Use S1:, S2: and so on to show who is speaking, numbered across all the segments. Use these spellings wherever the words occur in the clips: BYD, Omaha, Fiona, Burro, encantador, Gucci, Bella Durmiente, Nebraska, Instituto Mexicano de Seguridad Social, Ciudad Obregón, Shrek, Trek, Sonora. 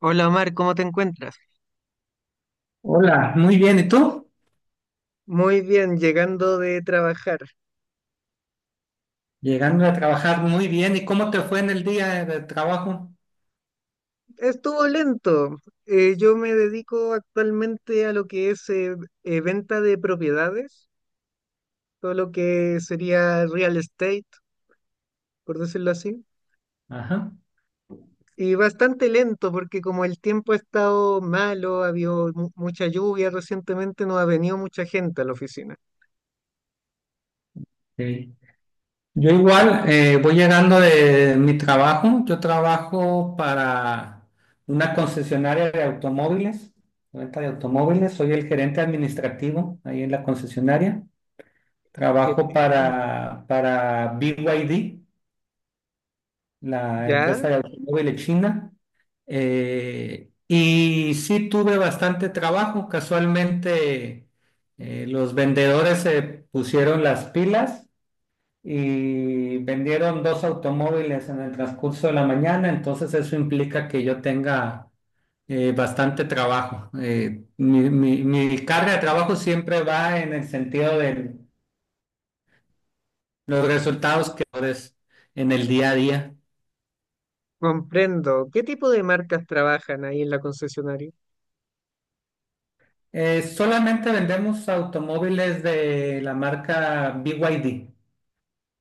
S1: Hola Omar, ¿cómo te encuentras?
S2: Hola, muy bien. ¿Y tú?
S1: Muy bien, llegando de trabajar.
S2: Llegando a trabajar muy bien. ¿Y cómo te fue en el día de trabajo?
S1: Estuvo lento. Yo me dedico actualmente a lo que es venta de propiedades, todo lo que sería real estate, por decirlo así.
S2: Ajá.
S1: Y bastante lento porque como el tiempo ha estado malo, ha habido mucha lluvia recientemente, no ha venido mucha gente a la oficina.
S2: Sí. Yo igual voy llegando de mi trabajo. Yo trabajo para una concesionaria de automóviles, venta de automóviles. Soy el gerente administrativo ahí en la concesionaria. Trabajo
S1: Qué-
S2: para BYD, la
S1: Ya,
S2: empresa de automóviles china. Y sí tuve bastante trabajo. Casualmente los vendedores se pusieron las pilas y vendieron dos automóviles en el transcurso de la mañana. Entonces eso implica que yo tenga bastante trabajo. Mi carga de trabajo siempre va en el sentido de los resultados que logres en el día a día.
S1: comprendo. ¿Qué tipo de marcas trabajan ahí en la concesionaria?
S2: Solamente vendemos automóviles de la marca BYD.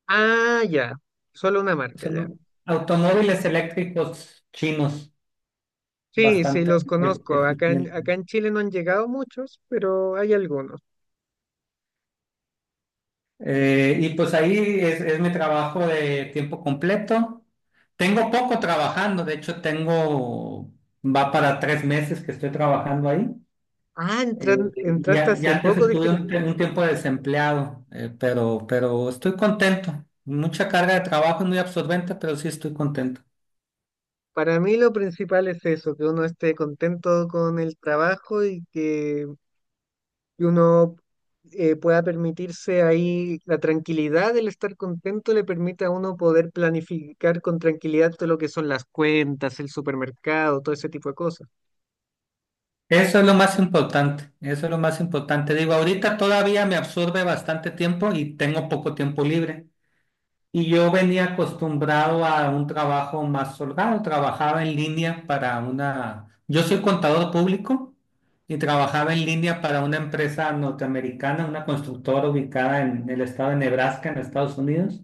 S1: Ah, ya, solo una marca,
S2: Son
S1: ya.
S2: au- Automóviles eléctricos chinos,
S1: Sí, sí,
S2: bastante
S1: los conozco.
S2: eficientes.
S1: Acá en Chile no han llegado muchos, pero hay algunos.
S2: Y pues ahí es mi trabajo de tiempo completo. Tengo poco trabajando, de hecho va para 3 meses que estoy trabajando ahí.
S1: Ah,
S2: Eh, y,
S1: entraste
S2: a- y
S1: hace
S2: antes
S1: poco de
S2: estuve un, tie-
S1: gerente.
S2: un tiempo desempleado, pero estoy contento. Mucha carga de trabajo, es muy absorbente, pero sí estoy contento.
S1: Para mí lo principal es eso, que uno esté contento con el trabajo y que uno pueda permitirse ahí la tranquilidad, el estar contento le permite a uno poder planificar con tranquilidad todo lo que son las cuentas, el supermercado, todo ese tipo de cosas.
S2: Eso es lo más importante, eso es lo más importante. Digo, ahorita todavía me absorbe bastante tiempo y tengo poco tiempo libre. Y yo venía acostumbrado a un trabajo más holgado, trabajaba en línea para una... Yo soy contador público y trabajaba en línea para una empresa norteamericana, una constructora ubicada en el estado de Nebraska, en Estados Unidos.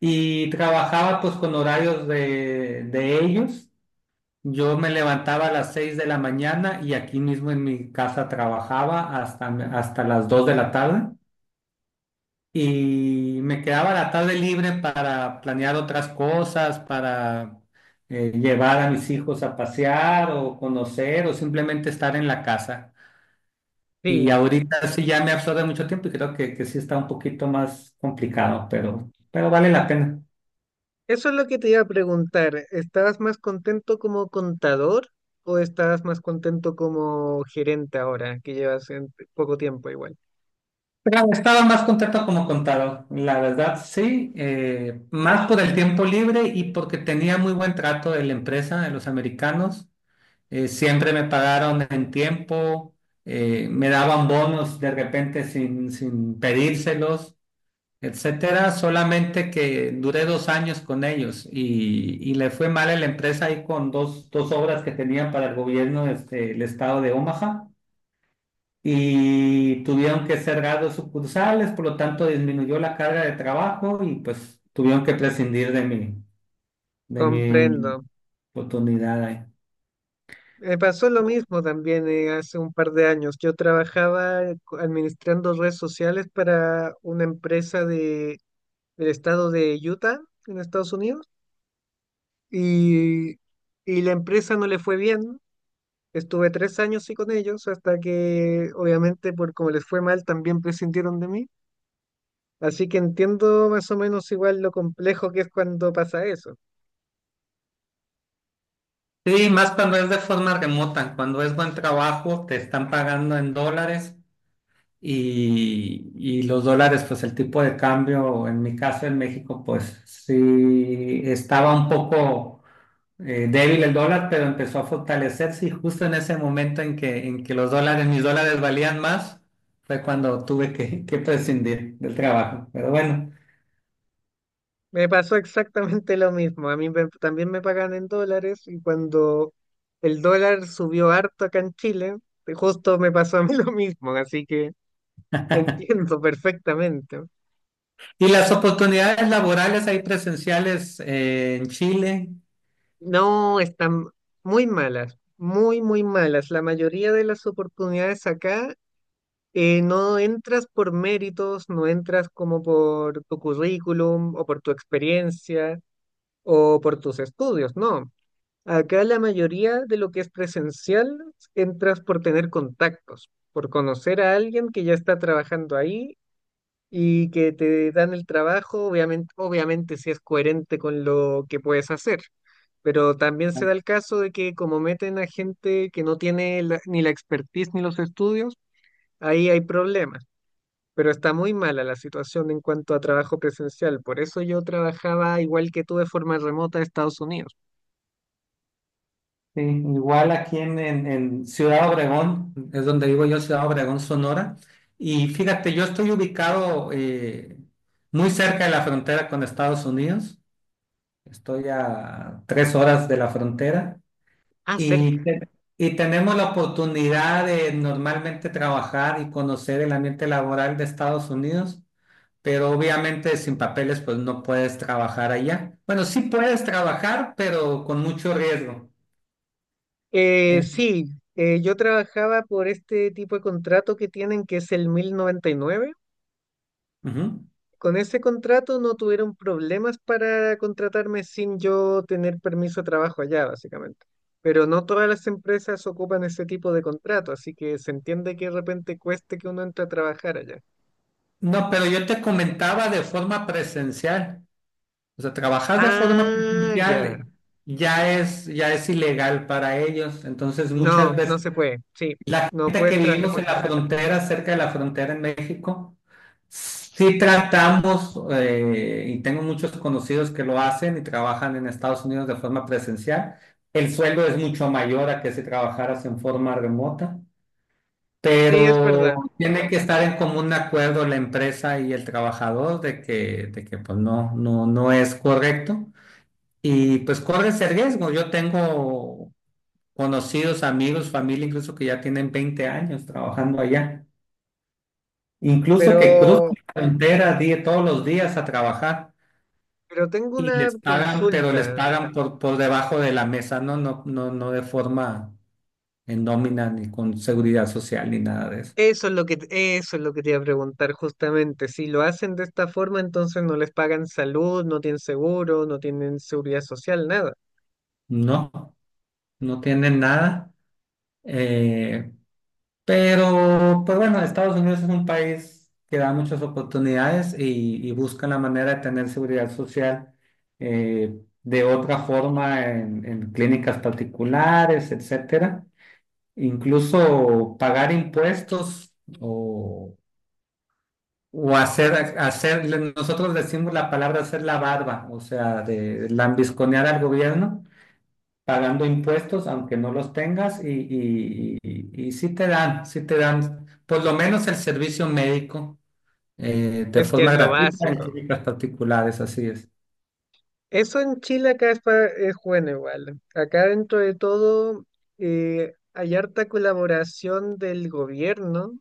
S2: Y trabajaba pues con horarios de ellos. Yo me levantaba a las 6 de la mañana y aquí mismo en mi casa trabajaba hasta las 2 de la tarde y me quedaba la tarde libre para planear otras cosas, para llevar a mis hijos a pasear o conocer o simplemente estar en la casa. Y
S1: Sí,
S2: ahorita sí ya me absorbe mucho tiempo y creo que sí está un poquito más complicado, pero vale la pena.
S1: eso es lo que te iba a preguntar. ¿Estabas más contento como contador o estabas más contento como gerente ahora, que llevas en poco tiempo igual?
S2: Claro, estaba más contento como contador, la verdad, sí, más por el tiempo libre y porque tenía muy buen trato de la empresa, de los americanos, siempre me pagaron en tiempo, me daban bonos de repente sin pedírselos, etcétera, solamente que duré 2 años con ellos y le fue mal a la empresa ahí con dos obras que tenían para el gobierno, este, el estado de Omaha y tuvieron que cerrar dos sucursales, por lo tanto disminuyó la carga de trabajo y pues tuvieron que prescindir de mi, de
S1: Comprendo.
S2: mi oportunidad ahí.
S1: Me pasó lo mismo también hace un par de años. Yo trabajaba administrando redes sociales para una empresa del estado de Utah, en Estados Unidos, y, y la empresa no le fue bien. Estuve tres años sí con ellos hasta que, obviamente, por como les fue mal, también prescindieron de mí. Así que entiendo más o menos igual lo complejo que es cuando pasa eso.
S2: Sí, más cuando es de forma remota, cuando es buen trabajo, te están pagando en dólares y los dólares, pues el tipo de cambio, en mi caso en México, pues sí estaba un poco débil el dólar, pero empezó a fortalecerse y justo en ese momento en que los dólares, mis dólares valían más, fue cuando tuve que, que prescindir del trabajo. Pero bueno,
S1: Me pasó exactamente lo mismo. A mí también me pagan en dólares y cuando el dólar subió harto acá en Chile, justo me pasó a mí lo mismo. Así que entiendo perfectamente.
S2: y las oportunidades laborales ahí presenciales en Chile,
S1: No, están muy malas, muy, muy malas. La mayoría de las oportunidades acá no entras por méritos, no entras como por tu currículum o por tu experiencia o por tus estudios, no. Acá la mayoría de lo que es presencial entras por tener contactos, por conocer a alguien que ya está trabajando ahí y que te dan el trabajo, obviamente, obviamente si es coherente con lo que puedes hacer. Pero también se da el caso de que como meten a gente que no tiene ni la expertise ni los estudios, ahí hay problemas. Pero está muy mala la situación en cuanto a trabajo presencial. Por eso yo trabajaba igual que tú de forma remota de Estados Unidos.
S2: sí, igual aquí en Ciudad Obregón, es donde vivo yo, Ciudad Obregón, Sonora. Y fíjate, yo estoy ubicado muy cerca de la frontera con Estados Unidos, estoy a 3 horas de la frontera.
S1: Ah,
S2: Y,
S1: cerca.
S2: te- y tenemos la oportunidad de normalmente trabajar y conocer el ambiente laboral de Estados Unidos, pero obviamente sin papeles pues no puedes trabajar allá. Bueno, sí puedes trabajar, pero con mucho riesgo. En-
S1: Sí, yo trabajaba por este tipo de contrato que tienen, que es el 1099.
S2: Ujú.
S1: Con ese contrato no tuvieron problemas para contratarme sin yo tener permiso de trabajo allá, básicamente. Pero no todas las empresas ocupan ese tipo de contrato, así que se entiende que de repente cueste que uno entre a trabajar allá.
S2: No, pero yo te comentaba de forma presencial. O sea, trabajar de forma
S1: Ah, ya.
S2: presencial ya es ilegal para ellos. Entonces, muchas
S1: No, no
S2: veces
S1: se puede. Sí,
S2: la
S1: no
S2: gente que
S1: puedes trabajar
S2: vivimos en
S1: tras
S2: la frontera, cerca de la frontera en México, sí tratamos, y tengo muchos conocidos que lo hacen y trabajan en Estados Unidos de forma presencial. El sueldo es mucho mayor a que si trabajaras en forma remota,
S1: sí, es
S2: pero
S1: verdad.
S2: tiene que estar en común acuerdo la empresa y el trabajador de que pues no es correcto. Y pues corres el riesgo. Yo tengo conocidos, amigos, familia, incluso que ya tienen 20 años trabajando allá, incluso
S1: Pero,
S2: que cruzan la frontera todos los días a trabajar
S1: pero tengo
S2: y
S1: una
S2: les pagan, pero les
S1: consulta.
S2: pagan por debajo de la mesa, no de forma en nómina ni con seguridad social ni nada de eso.
S1: Eso es lo que, eso es lo que te iba a preguntar justamente. Si lo hacen de esta forma, entonces no les pagan salud, no tienen seguro, no tienen seguridad social, nada.
S2: No, no tienen nada. Eh, Pero, pues bueno, Estados Unidos es un país que da muchas oportunidades y busca la manera de tener seguridad social eh, de otra forma en clínicas particulares, etcétera. Incluso pagar impuestos o, o hacer, nosotros decimos la palabra hacer la barba, o sea, de lambisconear al gobierno pagando impuestos aunque no los tengas y sí te dan por lo menos el servicio médico de
S1: Es que es
S2: forma
S1: lo
S2: gratuita en
S1: básico.
S2: clínicas particulares, así es.
S1: Eso en Chile acá es, es bueno igual. Acá dentro de todo hay harta colaboración del gobierno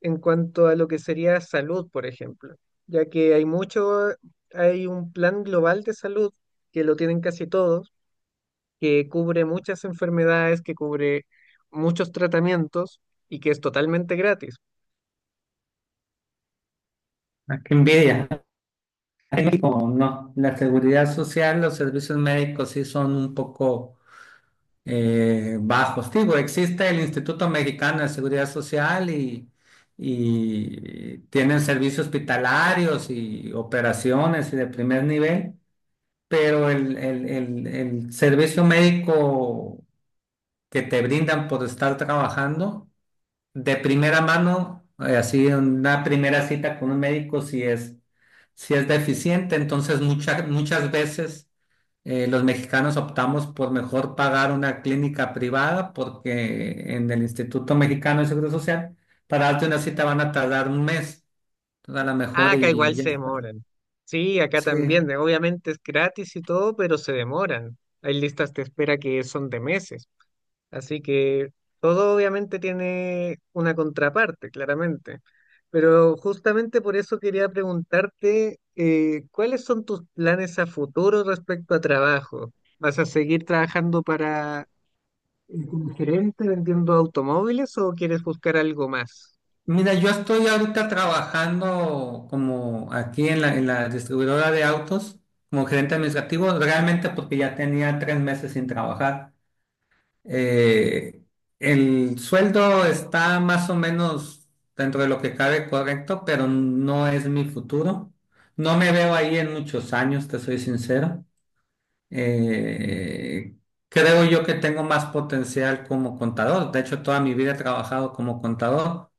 S1: en cuanto a lo que sería salud, por ejemplo, ya que hay mucho, hay un plan global de salud que lo tienen casi todos que cubre muchas enfermedades, que cubre muchos tratamientos y que es totalmente gratis.
S2: Ah, qué envidia. En México, no, la seguridad social, los servicios médicos sí son un poco bajos. Digo, existe el Instituto Mexicano de Seguridad Social y tienen servicios hospitalarios y operaciones y de primer nivel. Pero el servicio médico que te brindan por estar trabajando de primera mano, así en una primera cita con un médico, si es deficiente, entonces muchas veces los mexicanos optamos por mejor pagar una clínica privada porque en el Instituto Mexicano de Seguro Social, para darte una cita van a tardar un mes, entonces a lo
S1: Ah,
S2: mejor
S1: acá
S2: y
S1: igual
S2: ya.
S1: se demoran. Sí, acá también,
S2: Sí,
S1: obviamente es gratis y todo, pero se demoran. Hay listas de espera que son de meses. Así que todo obviamente tiene una contraparte, claramente. Pero justamente por eso quería preguntarte, ¿cuáles son tus planes a futuro respecto a trabajo? ¿Vas a seguir trabajando para como gerente vendiendo automóviles o quieres buscar algo más?
S2: mira, yo estoy ahorita trabajando como aquí en la distribuidora de autos, como gerente administrativo, realmente porque ya tenía 3 meses sin trabajar. Eh, el sueldo está más o menos dentro de lo que cabe correcto, pero no es mi futuro. No me veo ahí en muchos años, te soy sincero. Eh, Creo yo que tengo más potencial como contador. De hecho, toda mi vida he trabajado como contador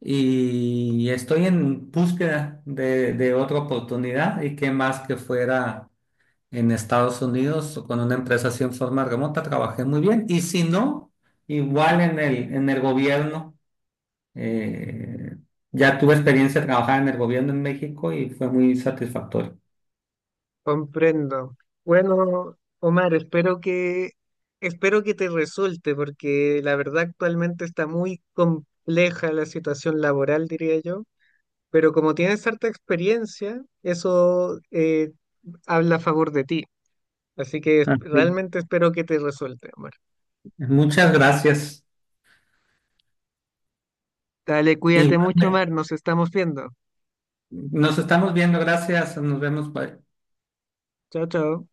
S2: y estoy en búsqueda de otra oportunidad y qué más que fuera en Estados Unidos o con una empresa así en forma remota, trabajé muy bien y si no, igual en el gobierno, eh, ya tuve experiencia de trabajar en el gobierno en México y fue muy satisfactorio.
S1: Comprendo. Bueno, Omar, espero que te resulte, porque la verdad actualmente está muy compleja la situación laboral, diría yo. Pero como tienes harta experiencia, eso habla a favor de ti. Así que
S2: Ah, sí.
S1: realmente espero que te resulte, Omar.
S2: Muchas gracias.
S1: Dale, cuídate mucho,
S2: Igual,
S1: Omar. Nos estamos viendo.
S2: nos estamos viendo, gracias, nos vemos. Bye.
S1: Chao, chao.